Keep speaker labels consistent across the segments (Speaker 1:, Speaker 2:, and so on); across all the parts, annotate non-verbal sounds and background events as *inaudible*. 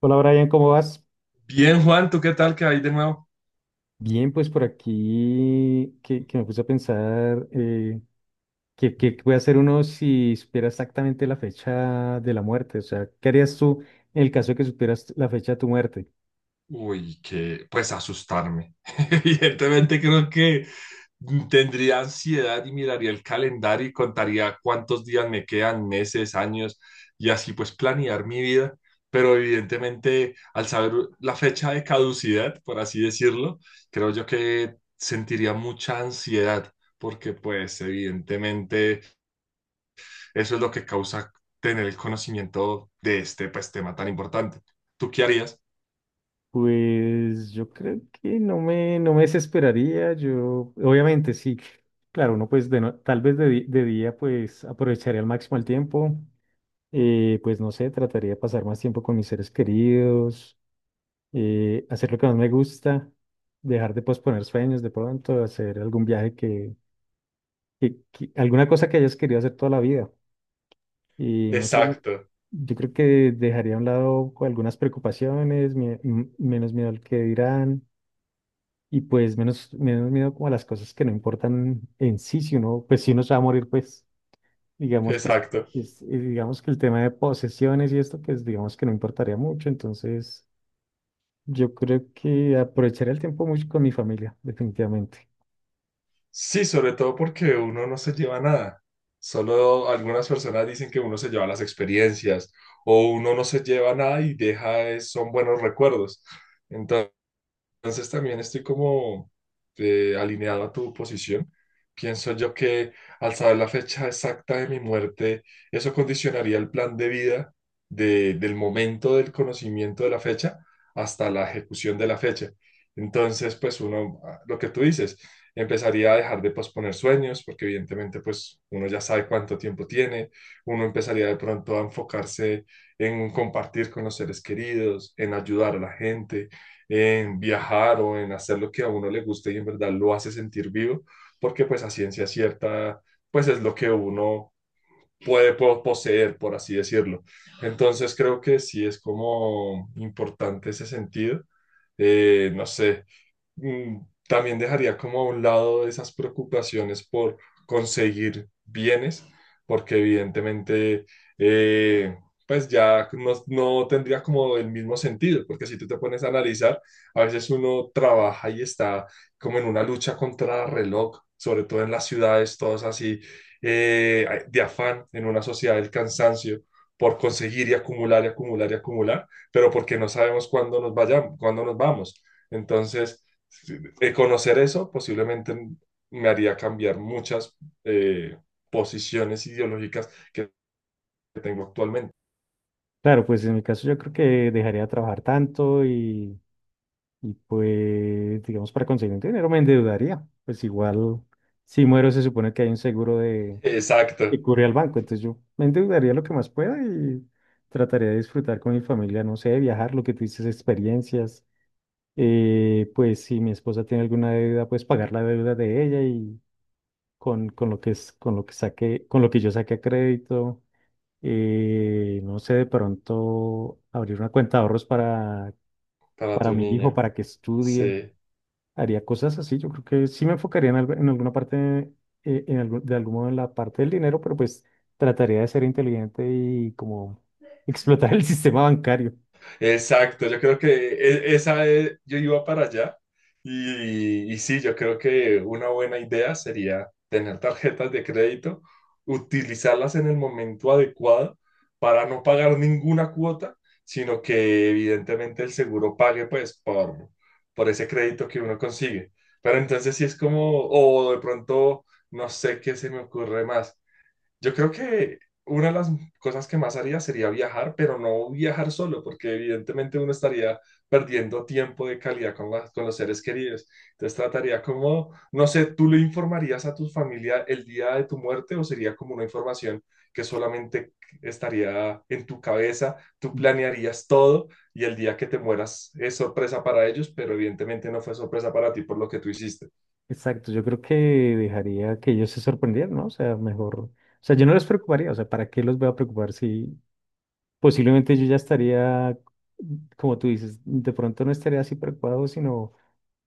Speaker 1: Hola Brian, ¿cómo vas?
Speaker 2: Bien, Juan, ¿tú qué tal? ¿Qué hay de nuevo?
Speaker 1: Bien, pues por aquí que me puse a pensar qué puede hacer uno si supiera exactamente la fecha de la muerte. O sea, ¿qué harías tú en el caso de que supieras la fecha de tu muerte?
Speaker 2: Uy, que pues asustarme. *laughs* Evidentemente creo que tendría ansiedad y miraría el calendario y contaría cuántos días me quedan, meses, años, y así pues planear mi vida. Pero evidentemente al saber la fecha de caducidad, por así decirlo, creo yo que sentiría mucha ansiedad, porque pues evidentemente eso es lo que causa tener el conocimiento de este pues tema tan importante. ¿Tú qué harías?
Speaker 1: Pues yo creo que no me desesperaría. Yo, obviamente, sí. Claro, uno pues de no- tal vez de día pues aprovecharía al máximo el tiempo. Pues no sé, trataría de pasar más tiempo con mis seres queridos, hacer lo que más me gusta, dejar de posponer sueños de pronto, hacer algún viaje que alguna cosa que hayas querido hacer toda la vida. Y no sé,
Speaker 2: Exacto,
Speaker 1: yo creo que dejaría a un lado algunas preocupaciones, menos miedo al que dirán y pues menos miedo como a las cosas que no importan en sí, si uno, pues si uno se va a morir, pues digamos, pues
Speaker 2: exacto.
Speaker 1: digamos que el tema de posesiones y esto, pues digamos que no importaría mucho, entonces... Yo creo que aprovecharé el tiempo mucho con mi familia, definitivamente.
Speaker 2: Sí, sobre todo porque uno no se lleva nada. Solo algunas personas dicen que uno se lleva las experiencias o uno no se lleva nada y deja, son buenos recuerdos. Entonces también estoy como alineado a tu posición. Pienso yo que al saber la fecha exacta de mi muerte, eso condicionaría el plan de vida del momento del conocimiento de la fecha hasta la ejecución de la fecha. Entonces, pues uno, ah, lo que tú dices, empezaría a dejar de posponer sueños, porque evidentemente pues uno ya sabe cuánto tiempo tiene, uno empezaría de pronto a enfocarse en compartir con los seres queridos, en ayudar a la gente en viajar o en hacer lo que a uno le guste y en verdad lo hace sentir vivo, porque pues a ciencia cierta, pues es lo que uno puede poseer, por así decirlo. Entonces creo que sí es como importante ese sentido. No sé, mm, también dejaría como a un lado esas preocupaciones por conseguir bienes, porque evidentemente, eh, pues ya no tendría como el mismo sentido, porque si tú te pones a analizar, a veces uno trabaja y está como en una lucha contra el reloj, sobre todo en las ciudades, todos así, de afán, en una sociedad del cansancio por conseguir y acumular y acumular y acumular, pero porque no sabemos cuándo nos vayamos, cuándo nos vamos. Entonces, conocer eso posiblemente me haría cambiar muchas eh, posiciones ideológicas que tengo actualmente.
Speaker 1: Claro, pues en mi caso yo creo que dejaría de trabajar tanto, y pues, digamos, para conseguir un dinero me endeudaría. Pues igual, si muero se supone que hay un seguro de que
Speaker 2: Exacto,
Speaker 1: cubre al banco, entonces yo me endeudaría lo que más pueda y trataría de disfrutar con mi familia, no sé, viajar, lo que tú dices, experiencias. Pues si mi esposa tiene alguna deuda, pues pagar la deuda de ella y con lo que es, con lo que saque, con lo que yo saque a crédito. No sé, de pronto abrir una cuenta de ahorros
Speaker 2: para
Speaker 1: para
Speaker 2: tu
Speaker 1: mi hijo,
Speaker 2: niña.
Speaker 1: para que estudie.
Speaker 2: Sí.
Speaker 1: Haría cosas así. Yo creo que sí me enfocaría en, en alguna parte, en de algún modo en la parte del dinero, pero pues trataría de ser inteligente y como explotar el *laughs* sistema bancario.
Speaker 2: Exacto, yo creo que yo iba para allá y sí, yo creo que una buena idea sería tener tarjetas de crédito, utilizarlas en el momento adecuado para no pagar ninguna cuota, sino que evidentemente el seguro pague pues por ese crédito que uno consigue. Pero entonces sí es como, o de pronto, no sé qué se me ocurre más. Yo creo que una de las cosas que más haría sería viajar, pero no viajar solo, porque evidentemente uno estaría perdiendo tiempo de calidad con, con los seres queridos. Entonces trataría como, no sé, ¿tú le informarías a tu familia el día de tu muerte o sería como una información que solamente estaría en tu cabeza? Tú planearías todo y el día que te mueras es sorpresa para ellos, pero evidentemente no fue sorpresa para ti por lo que tú hiciste.
Speaker 1: Exacto, yo creo que dejaría que ellos se sorprendieran, ¿no? O sea, mejor. O sea, yo no les preocuparía, o sea, ¿para qué los voy a preocupar si posiblemente yo ya estaría, como tú dices, de pronto no estaría así preocupado, sino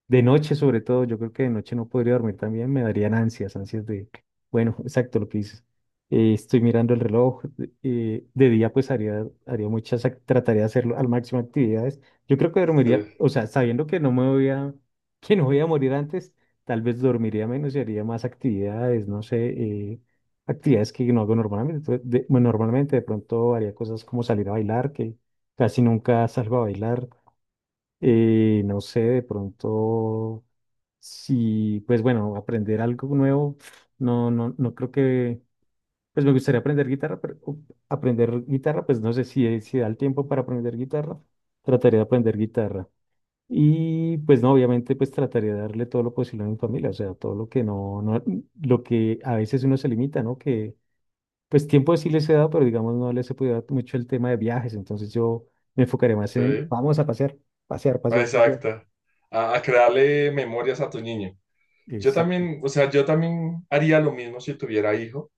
Speaker 1: de noche, sobre todo, yo creo que de noche no podría dormir también, me darían ansias, ansias de, bueno, *laughs* exacto lo que dices. Estoy mirando el reloj. De día pues haría muchas, trataría de hacerlo al máximo actividades. Yo creo que dormiría,
Speaker 2: Sí,
Speaker 1: o sea, sabiendo que no me voy a, *laughs* que no voy a morir antes, tal vez dormiría menos y haría más actividades, no sé, actividades que no hago normalmente. Entonces, bueno, normalmente de pronto haría cosas como salir a bailar, que casi nunca salgo a bailar. No sé, de pronto sí, pues bueno, aprender algo nuevo, no, no, no creo que, pues me gustaría aprender guitarra, pero aprender guitarra, pues no sé si, si da el tiempo para aprender guitarra, trataría de aprender guitarra. Y pues no, obviamente pues trataría de darle todo lo posible a mi familia, o sea, todo lo que no, no, lo que a veces uno se limita, ¿no? Que pues tiempo sí les he dado, pero digamos no les he podido dar mucho el tema de viajes, entonces yo me enfocaré más en,
Speaker 2: ok.
Speaker 1: vamos a pasear, pasear, pasear, pasear.
Speaker 2: Exacto. A crearle memorias a tu niño. Yo
Speaker 1: Exacto.
Speaker 2: también, o sea, yo también haría lo mismo si tuviera hijo.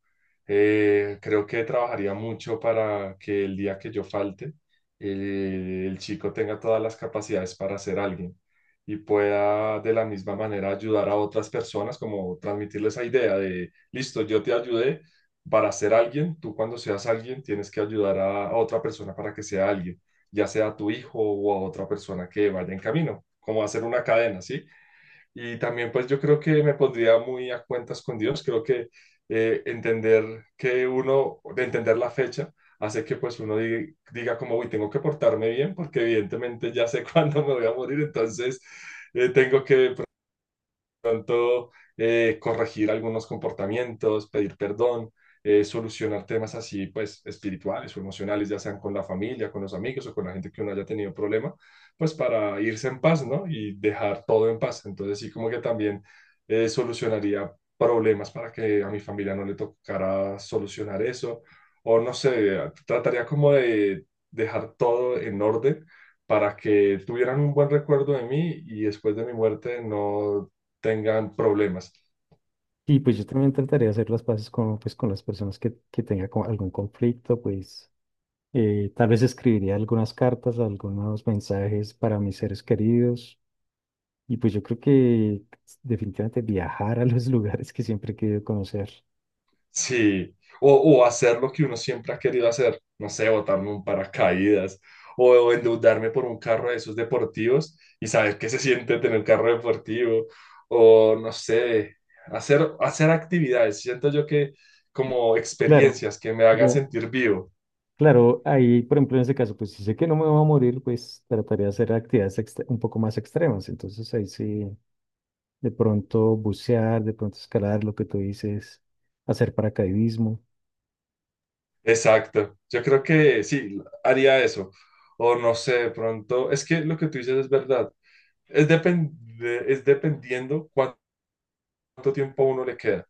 Speaker 2: Creo que trabajaría mucho para que el día que yo falte, el chico tenga todas las capacidades para ser alguien y pueda de la misma manera ayudar a otras personas, como transmitirles esa idea de, listo, yo te ayudé para ser alguien, tú cuando seas alguien tienes que ayudar a otra persona para que sea alguien, ya sea a tu hijo o a otra persona que vaya en camino, como hacer una cadena, ¿sí? Y también pues yo creo que me pondría muy a cuentas con Dios. Creo que entender que uno, de entender la fecha, hace que pues uno diga como, uy, tengo que portarme bien porque evidentemente ya sé *laughs* cuándo me voy a morir, entonces tengo que pues pronto corregir algunos comportamientos, pedir perdón, solucionar temas así, pues espirituales o emocionales, ya sean con la familia, con los amigos o con la gente que uno haya tenido problema, pues para irse en paz, ¿no? Y dejar todo en paz. Entonces sí como que también solucionaría problemas para que a mi familia no le tocara solucionar eso. O no sé, trataría como de dejar todo en orden para que tuvieran un buen recuerdo de mí y después de mi muerte no tengan problemas.
Speaker 1: Y pues yo también intentaría hacer las paces con, pues, con las personas que tenga como algún conflicto, pues tal vez escribiría algunas cartas, algunos mensajes para mis seres queridos. Y pues yo creo que definitivamente viajar a los *laughs* lugares que siempre he querido conocer.
Speaker 2: Sí, o hacer lo que uno siempre ha querido hacer, no sé, botarme un paracaídas o endeudarme por un carro de esos deportivos y saber qué se siente tener carro deportivo o no sé, hacer, hacer actividades. Siento yo que como
Speaker 1: Claro,
Speaker 2: experiencias que me hagan
Speaker 1: ya,
Speaker 2: sentir vivo.
Speaker 1: claro, ahí por ejemplo en ese caso, pues si sé que no me voy a morir, pues trataría de hacer actividades un poco más extremas. Entonces ahí sí, de pronto bucear, de pronto escalar, lo que tú dices, hacer paracaidismo.
Speaker 2: Exacto. Yo creo que sí, haría eso. O no sé, de pronto, es que lo que tú dices es verdad. Es, depende, es dependiendo cuánto tiempo a uno le queda.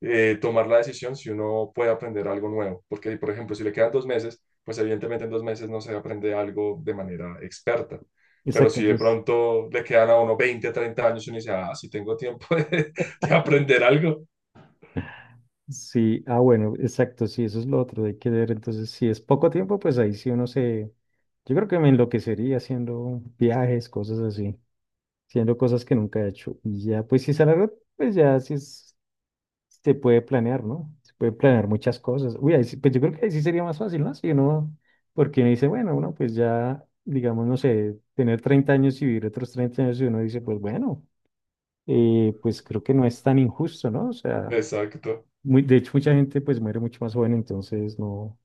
Speaker 2: Tomar la decisión si uno puede aprender algo nuevo. Porque, por ejemplo, si le quedan 2 meses, pues evidentemente en 2 meses no se aprende algo de manera experta. Pero
Speaker 1: Exacto,
Speaker 2: si de
Speaker 1: entonces
Speaker 2: pronto le quedan a uno 20, 30 años y uno dice, ah, si tengo tiempo *laughs* de, aprender algo.
Speaker 1: sí, ah, bueno, exacto, sí, eso es lo otro, hay que ver. Entonces, si es poco tiempo, pues ahí sí uno se... Yo creo que me enloquecería haciendo viajes, cosas así, haciendo cosas que nunca he hecho. Y ya, pues si es a largo, pues ya sí se puede planear, ¿no? Se puede planear muchas cosas. Uy, ahí sí, pues yo creo que ahí sí sería más fácil, ¿no? Si uno, porque uno dice, bueno, uno pues ya, digamos, no sé, tener 30 años y vivir otros 30 años, y uno dice, pues bueno, pues creo que no es tan injusto, ¿no? O sea.
Speaker 2: Exacto.
Speaker 1: Muy, de hecho, mucha gente pues muere mucho más joven, entonces no,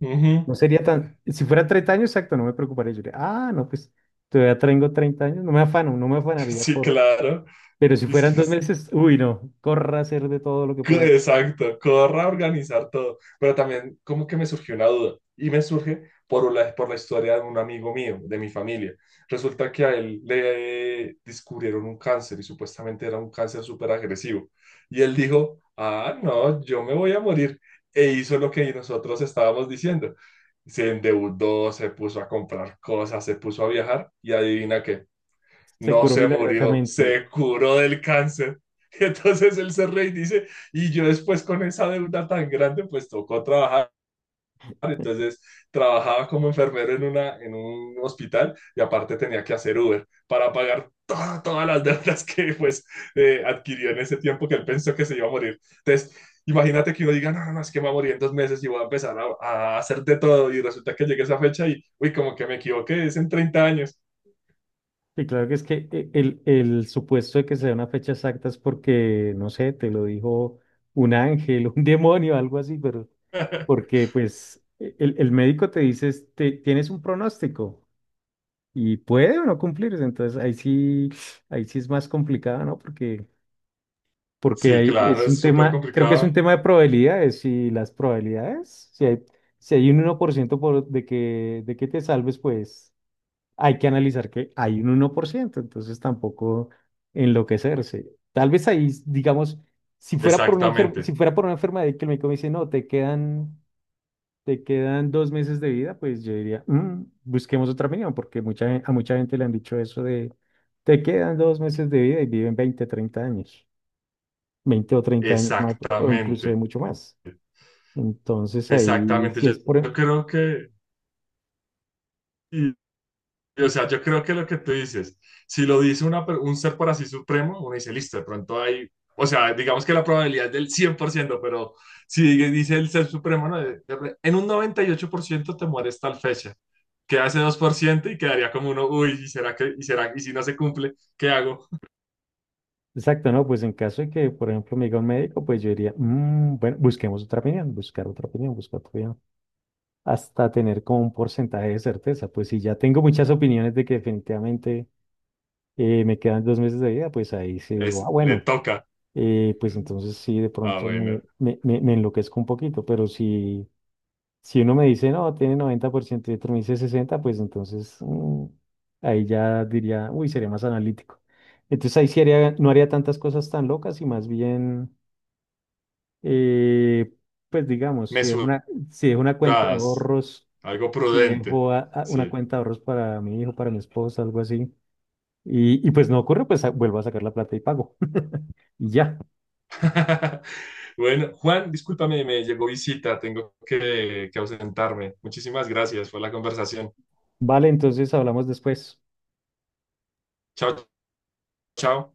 Speaker 2: Ujú.
Speaker 1: no
Speaker 2: *laughs*
Speaker 1: sería tan... Si fuera 30 años, exacto, no me preocuparía. Yo diría, ah, no, pues todavía tengo 30 años, no me afano, no me afanaría
Speaker 2: Sí,
Speaker 1: por...
Speaker 2: claro.
Speaker 1: Pero si
Speaker 2: Es que,
Speaker 1: fueran
Speaker 2: que
Speaker 1: dos
Speaker 2: es-
Speaker 1: meses, uy, no, corra a hacer de todo lo que
Speaker 2: *laughs*
Speaker 1: pueda.
Speaker 2: Exacto, corra organizar todo. Pero también como que me surgió una duda y me surge por la historia de un amigo mío, de mi familia. Resulta que a él le descubrieron un cáncer y supuestamente era un cáncer súper agresivo. Y él dijo, ah, no, yo me voy a morir. E hizo lo que nosotros estábamos diciendo. Se endeudó, se puso a comprar cosas, se puso a viajar y adivina qué
Speaker 1: Se
Speaker 2: no
Speaker 1: curó
Speaker 2: se murió,
Speaker 1: milagrosamente.
Speaker 2: se curó del cáncer. *laughs* Y entonces él se rey dice, y yo después con esa deuda tan grande, pues tocó trabajar. Entonces trabajaba como enfermero en, una, en un hospital y aparte tenía que hacer Uber para pagar todas las *laughs* deudas que pues adquirió en ese tiempo que él pensó que se iba a morir. Entonces, imagínate que uno diga, no, no, no, es que me voy a morir en 2 meses y voy a empezar a hacer de todo y resulta que llegue esa fecha y, uy, como que me equivoqué, es en 30 años.
Speaker 1: Y claro que es que el supuesto de que sea una fecha exacta es porque, no sé, te lo dijo un ángel, *laughs* un demonio, algo así, pero
Speaker 2: *laughs*
Speaker 1: porque pues el médico te dice: "Este, tienes un pronóstico y puede o no cumplirse". Entonces ahí sí es más complicado, ¿no? Porque, porque
Speaker 2: Sí,
Speaker 1: ahí
Speaker 2: claro,
Speaker 1: es
Speaker 2: es
Speaker 1: un
Speaker 2: súper
Speaker 1: tema, creo que es un
Speaker 2: complicado.
Speaker 1: tema de probabilidades y las probabilidades, si hay un uno por, ciento por de que te salves, pues hay que analizar que hay un 1%, entonces tampoco enloquecerse. Tal vez ahí, digamos, si fuera por una si
Speaker 2: Exactamente.
Speaker 1: fuera por una enfermedad y que el médico me dice, no, te quedan 2 meses de vida, pues yo diría: "Mm, busquemos otra opinión", porque a mucha gente le han dicho eso de, te quedan dos meses de vida y viven 20 30 años, 20 o 30 años más, o inclusive
Speaker 2: Exactamente,
Speaker 1: mucho más. Entonces ahí,
Speaker 2: exactamente.
Speaker 1: si
Speaker 2: Yo,
Speaker 1: es por...
Speaker 2: yo creo que, y o sea, yo creo que lo que tú dices, si lo dice una per- un ser por así supremo, uno dice, listo, de pronto hay, o sea, digamos que la probabilidad es del 100%, pero si dice el ser supremo, no, en un 98% te mueres tal fecha, queda ese 2% y quedaría como uno, uy, ¿y será que, y será, y si no se cumple, ¿qué hago?
Speaker 1: Exacto, ¿no? Pues en caso de que, por ejemplo, me diga un médico, pues yo diría: "Mm, bueno, busquemos otra opinión, buscar otra opinión, buscar otra opinión, hasta tener como un porcentaje de certeza". Pues si ya tengo muchas opiniones de que definitivamente me quedan 2 meses de vida, pues ahí sí digo,
Speaker 2: Es,
Speaker 1: ah,
Speaker 2: le
Speaker 1: bueno,
Speaker 2: toca.
Speaker 1: pues entonces sí, de
Speaker 2: Ah,
Speaker 1: pronto
Speaker 2: bueno,
Speaker 1: me enloquezco un poquito, pero si, si uno me dice, no, tiene 90% y otro me dice 60, pues entonces mm, ahí ya diría, uy, sería más analítico. Entonces ahí sí haría, no haría tantas cosas tan locas y más bien, eh, pues digamos, si dejo una cuenta de
Speaker 2: mesuradas,
Speaker 1: ahorros,
Speaker 2: algo
Speaker 1: si
Speaker 2: prudente,
Speaker 1: dejo una
Speaker 2: sí.
Speaker 1: cuenta de ahorros para mi hijo, para mi esposa, algo así, y pues no ocurre, pues vuelvo a sacar la plata y pago. *laughs* Y ya,
Speaker 2: *laughs* Bueno, Juan, discúlpame, me llegó visita, tengo que ausentarme. Muchísimas gracias por la conversación.
Speaker 1: vale, entonces hablamos después.
Speaker 2: Chao, chao.